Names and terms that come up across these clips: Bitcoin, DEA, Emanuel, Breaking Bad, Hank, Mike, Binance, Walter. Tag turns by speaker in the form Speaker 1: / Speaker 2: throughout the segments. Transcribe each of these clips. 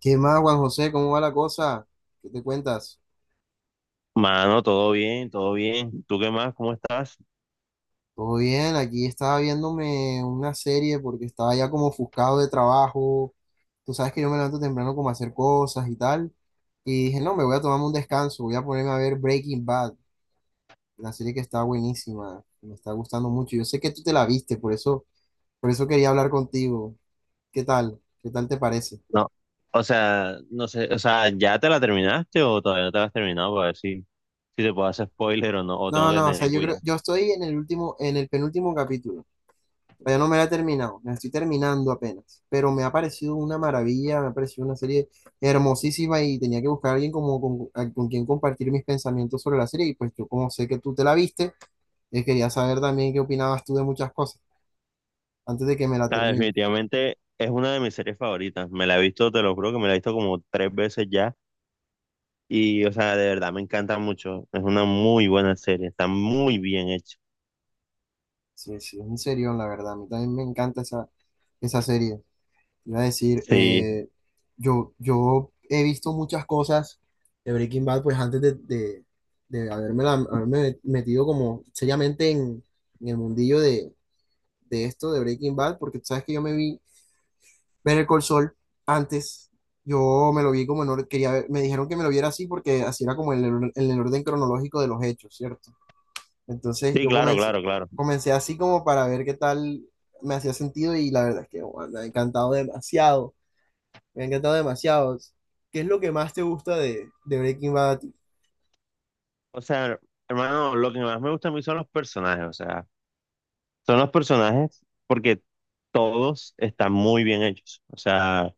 Speaker 1: ¿Qué más, Juan José? ¿Cómo va la cosa? ¿Qué te cuentas?
Speaker 2: Mano, todo bien, todo bien. ¿Tú qué más? ¿Cómo estás?
Speaker 1: Todo bien, aquí estaba viéndome una serie porque estaba ya como ofuscado de trabajo. Tú sabes que yo me levanto temprano como a hacer cosas y tal. Y dije, no, me voy a tomarme un descanso, voy a ponerme a ver Breaking Bad, la serie que está buenísima, me está gustando mucho. Yo sé que tú te la viste, por eso quería hablar contigo. ¿Qué tal? ¿Qué tal te parece?
Speaker 2: No, o sea, no sé, o sea, ¿ya te la terminaste o todavía no te la has terminado para ver si te puedo hacer spoiler o no, o tengo
Speaker 1: No,
Speaker 2: que
Speaker 1: no, o sea,
Speaker 2: tener
Speaker 1: yo creo,
Speaker 2: cuidado?
Speaker 1: yo estoy en el último, en el penúltimo capítulo. Todavía no me la he terminado, la estoy terminando apenas, pero me ha parecido una maravilla, me ha parecido una serie hermosísima y tenía que buscar a alguien como con, con quien compartir mis pensamientos sobre la serie y pues yo como sé que tú te la viste, quería saber también qué opinabas tú de muchas cosas antes de que me la
Speaker 2: Ah,
Speaker 1: termine.
Speaker 2: definitivamente es una de mis series favoritas. Me la he visto, te lo juro que me la he visto como tres veces ya y, o sea, de verdad me encanta mucho. Es una muy buena serie, está muy bien hecha.
Speaker 1: Sí, sí, es un serión, la verdad, a mí también me encanta esa, esa serie. Iba a decir,
Speaker 2: Sí,
Speaker 1: yo he visto muchas cosas de Breaking Bad, pues antes de haberme metido como seriamente en el mundillo de esto, de Breaking Bad, porque tú sabes que yo me vi ver el Sol antes, yo me lo vi como en orden, me dijeron que me lo viera así porque así era como en en el orden cronológico de los hechos, ¿cierto? Entonces
Speaker 2: sí,
Speaker 1: yo
Speaker 2: claro,
Speaker 1: comencé,
Speaker 2: claro, claro.
Speaker 1: comencé así como para ver qué tal me hacía sentido y la verdad es que bueno, me ha encantado demasiado. Me ha encantado demasiado. ¿Qué es lo que más te gusta de Breaking Bad a ti?
Speaker 2: O sea, hermano, lo que más me gusta a mí son los personajes, o sea. Son los personajes porque todos están muy bien hechos. O sea,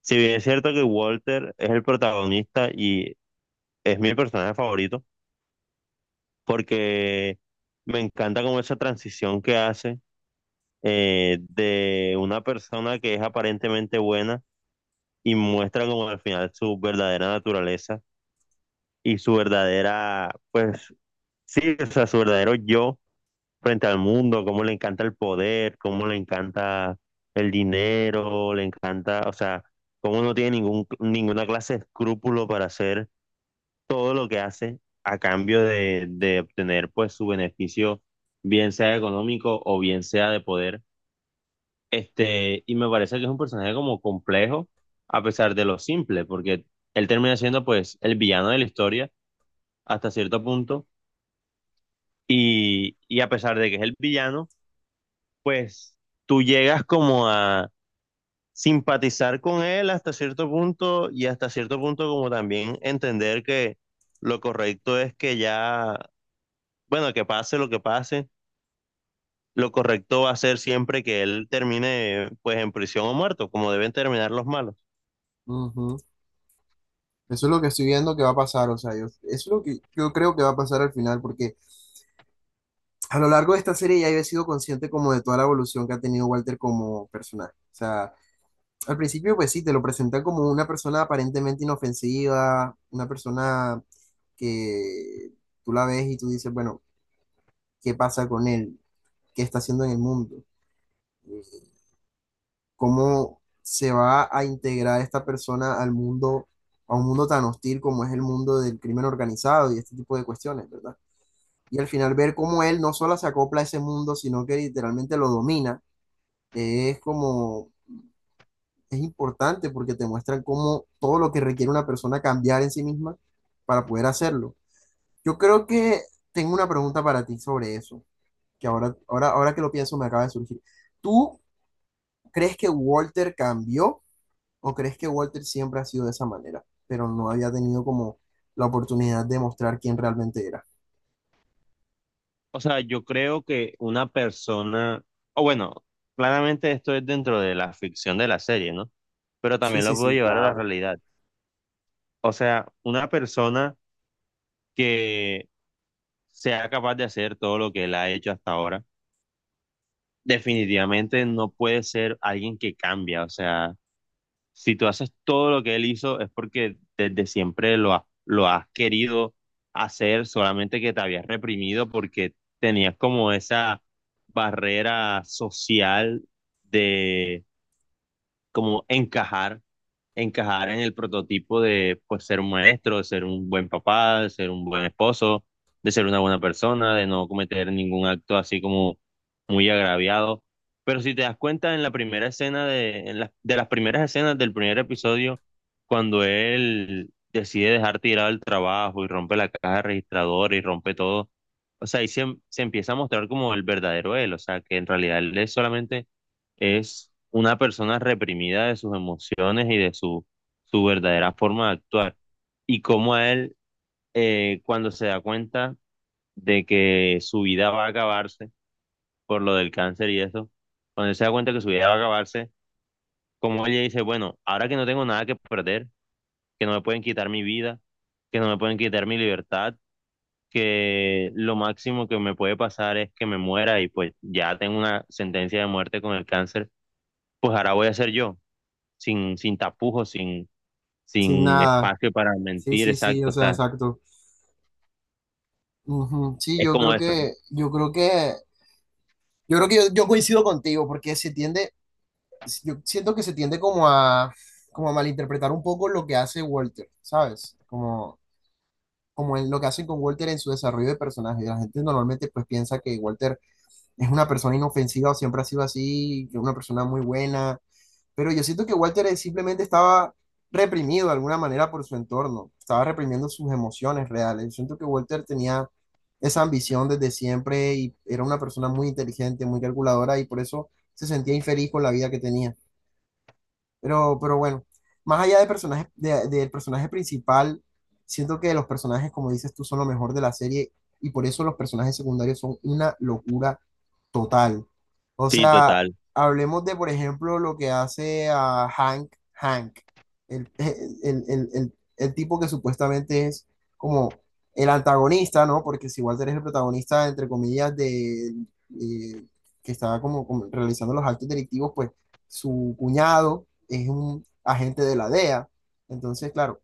Speaker 2: si bien es cierto que Walter es el protagonista y es mi personaje favorito, porque me encanta como esa transición que hace de una persona que es aparentemente buena y muestra como al final su verdadera naturaleza y su verdadera, pues sí, o sea, su verdadero yo frente al mundo, cómo le encanta el poder, cómo le encanta el dinero, le encanta, o sea, cómo no tiene ningún, ninguna clase de escrúpulo para hacer todo lo que hace a cambio de obtener pues su beneficio, bien sea económico o bien sea de poder. Y me parece que es un personaje como complejo, a pesar de lo simple, porque él termina siendo pues el villano de la historia hasta cierto punto, y a pesar de que es el villano, pues tú llegas como a simpatizar con él hasta cierto punto y hasta cierto punto como también entender que lo correcto es que ya, bueno, que pase, lo correcto va a ser siempre que él termine pues en prisión o muerto, como deben terminar los malos.
Speaker 1: Ujú. Eso es lo que estoy viendo que va a pasar, o sea, yo, eso es lo que yo creo que va a pasar al final, porque a lo largo de esta serie ya he sido consciente como de toda la evolución que ha tenido Walter como personaje. O sea, al principio pues sí, te lo presentan como una persona aparentemente inofensiva, una persona que tú la ves y tú dices, bueno, ¿qué pasa con él? ¿Qué está haciendo en el mundo? ¿Cómo se va a integrar esta persona al mundo, a un mundo tan hostil como es el mundo del crimen organizado y este tipo de cuestiones, ¿verdad? Y al final ver cómo él no solo se acopla a ese mundo, sino que literalmente lo domina. Es como, es importante porque te muestran cómo todo lo que requiere una persona cambiar en sí misma para poder hacerlo. Yo creo que tengo una pregunta para ti sobre eso, que ahora que lo pienso me acaba de surgir. ¿Tú crees que Walter cambió? ¿O crees que Walter siempre ha sido de esa manera, pero no había tenido como la oportunidad de mostrar quién realmente era?
Speaker 2: O sea, yo creo que una persona, o bueno, claramente esto es dentro de la ficción de la serie, ¿no? Pero
Speaker 1: Sí,
Speaker 2: también
Speaker 1: sí,
Speaker 2: lo puedo
Speaker 1: sí,
Speaker 2: llevar a la
Speaker 1: claro.
Speaker 2: realidad. O sea, una persona que sea capaz de hacer todo lo que él ha hecho hasta ahora, definitivamente no puede ser alguien que cambia. O sea, si tú haces todo lo que él hizo es porque desde siempre lo has querido hacer, solamente que te habías reprimido porque tenías como esa barrera social de como encajar en el prototipo de pues ser un maestro, de ser un buen papá, de ser un buen esposo, de ser una buena persona, de no cometer ningún acto así como muy agraviado. Pero si te das cuenta en la primera escena en las de las primeras escenas del primer episodio, cuando él decide dejar tirado el trabajo y rompe la caja registradora y rompe todo, o sea, ahí se empieza a mostrar como el verdadero él, o sea, que en realidad él es solamente es una persona reprimida de sus emociones y de su verdadera forma de actuar. Y cómo a él, cuando se da cuenta de que su vida va a acabarse por lo del cáncer y eso, cuando él se da cuenta que su vida va a acabarse, como ella dice, bueno, ahora que no tengo nada que perder, que no me pueden quitar mi vida, que no me pueden quitar mi libertad, que lo máximo que me puede pasar es que me muera y pues ya tengo una sentencia de muerte con el cáncer, pues ahora voy a ser yo sin tapujos, sin,
Speaker 1: Sin
Speaker 2: sin
Speaker 1: nada.
Speaker 2: espacio para
Speaker 1: Sí,
Speaker 2: mentir,
Speaker 1: sí, sí, o
Speaker 2: exacto, o
Speaker 1: sea,
Speaker 2: sea,
Speaker 1: exacto. Ujú. Sí,
Speaker 2: es como eso, ¿no?
Speaker 1: yo creo que yo coincido contigo, porque se tiende, yo siento que se tiende como a, como a malinterpretar un poco lo que hace Walter, ¿sabes? Como, como en lo que hacen con Walter en su desarrollo de personaje. La gente normalmente pues piensa que Walter es una persona inofensiva o siempre ha sido así, que es una persona muy buena, pero yo siento que Walter simplemente estaba reprimido de alguna manera por su entorno, estaba reprimiendo sus emociones reales. Yo siento que Walter tenía esa ambición desde siempre y era una persona muy inteligente, muy calculadora y por eso se sentía infeliz con la vida que tenía. Pero bueno, más allá de personaje, del personaje principal, siento que los personajes, como dices tú, son lo mejor de la serie y por eso los personajes secundarios son una locura total. O
Speaker 2: Sí,
Speaker 1: sea,
Speaker 2: total.
Speaker 1: hablemos de, por ejemplo, lo que hace a Hank, Hank, el tipo que supuestamente es como el antagonista, ¿no? Porque si Walter es el protagonista, entre comillas, eh, que estaba como realizando los actos delictivos, pues su cuñado es un agente de la DEA. Entonces, claro,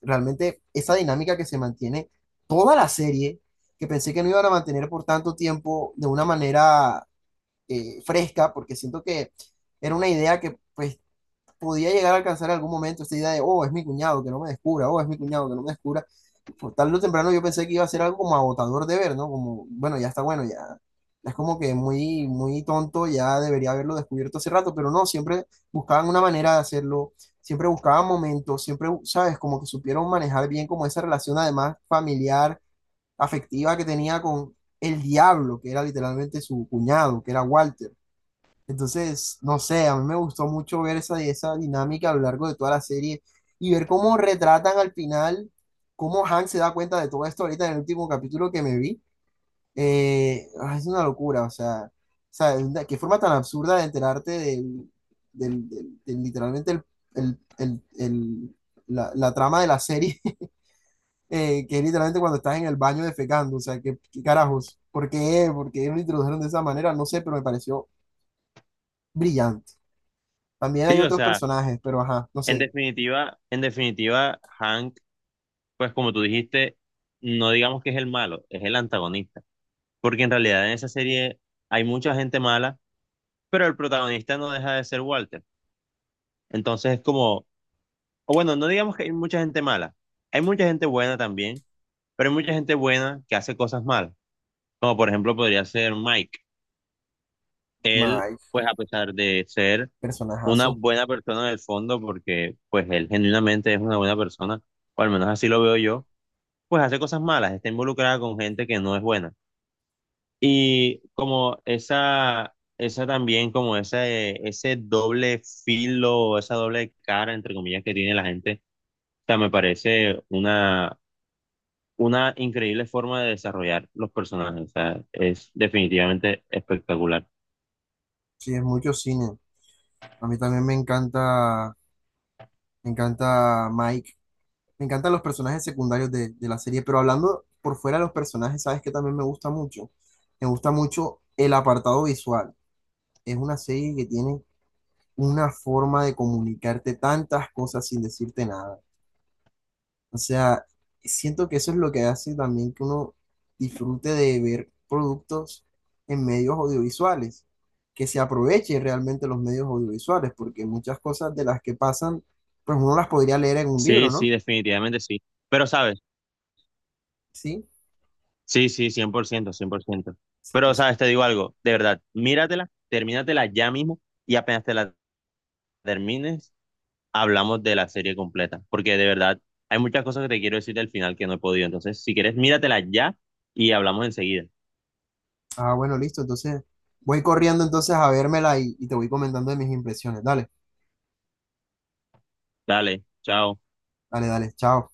Speaker 1: realmente esa dinámica que se mantiene toda la serie, que pensé que no iban a mantener por tanto tiempo de una manera fresca, porque siento que era una idea que pues podía llegar a alcanzar en algún momento esta idea de, oh, es mi cuñado, que no me descubra, oh, es mi cuñado, que no me descubra. Por tarde o temprano yo pensé que iba a ser algo como agotador de ver, ¿no? Como, bueno, ya está bueno, ya, ya es como que muy, muy tonto, ya debería haberlo descubierto hace rato, pero no, siempre buscaban una manera de hacerlo, siempre buscaban momentos, siempre, ¿sabes? Como que supieron manejar bien como esa relación además familiar, afectiva que tenía con el diablo, que era literalmente su cuñado, que era Walter. Entonces, no sé, a mí me gustó mucho ver esa, esa dinámica a lo largo de toda la serie y ver cómo retratan al final, cómo Hank se da cuenta de todo esto ahorita en el último capítulo que me vi. Ah, es una locura, qué forma tan absurda de enterarte literalmente el- el- el- la, la trama de la serie, que es literalmente cuando estás en el baño defecando, o sea, qué, qué carajos, ¿por qué? ¿Por qué lo introdujeron de esa manera? No sé, pero me pareció brillante. También hay
Speaker 2: Sí, o
Speaker 1: otros
Speaker 2: sea,
Speaker 1: personajes, pero ajá, no
Speaker 2: en
Speaker 1: sé.
Speaker 2: definitiva, en definitiva, Hank, pues como tú dijiste, no digamos que es el malo, es el antagonista, porque en realidad en esa serie hay mucha gente mala, pero el protagonista no deja de ser Walter. Entonces es como, o bueno, no digamos que hay mucha gente mala, hay mucha gente buena también, pero hay mucha gente buena que hace cosas malas, como por ejemplo podría ser Mike. Él,
Speaker 1: Mike,
Speaker 2: pues a pesar de ser una
Speaker 1: personajazo.
Speaker 2: buena persona en el fondo, porque pues él genuinamente es una buena persona, o al menos así lo veo yo, pues hace cosas malas, está involucrada con gente que no es buena. Y como esa también, como ese doble filo, esa doble cara, entre comillas, que tiene la gente, o sea, me parece una increíble forma de desarrollar los personajes, o sea, es definitivamente espectacular.
Speaker 1: Sí, es mucho cine. A mí también me encanta Mike. Me encantan los personajes secundarios de la serie, pero hablando por fuera de los personajes, ¿sabes qué también me gusta mucho? Me gusta mucho el apartado visual. Es una serie que tiene una forma de comunicarte tantas cosas sin decirte nada. O sea, siento que eso es lo que hace también que uno disfrute de ver productos en medios audiovisuales, que se aprovechen realmente los medios audiovisuales, porque muchas cosas de las que pasan, pues uno las podría leer en un libro,
Speaker 2: Sí, sí,
Speaker 1: ¿no?
Speaker 2: definitivamente sí. Pero, ¿sabes?
Speaker 1: Sí.
Speaker 2: Sí, sí, cien por ciento.
Speaker 1: Sí,
Speaker 2: Pero,
Speaker 1: entonces,
Speaker 2: sabes, te digo algo, de verdad, míratela, termínatela ya mismo y apenas te la termines, hablamos de la serie completa, porque de verdad hay muchas cosas que te quiero decir del final que no he podido. Entonces, si quieres, míratela ya y hablamos enseguida.
Speaker 1: ah, bueno, listo. Entonces, voy corriendo entonces a vérmela y te voy comentando de mis impresiones. Dale,
Speaker 2: Dale, chao.
Speaker 1: dale, dale. Chao.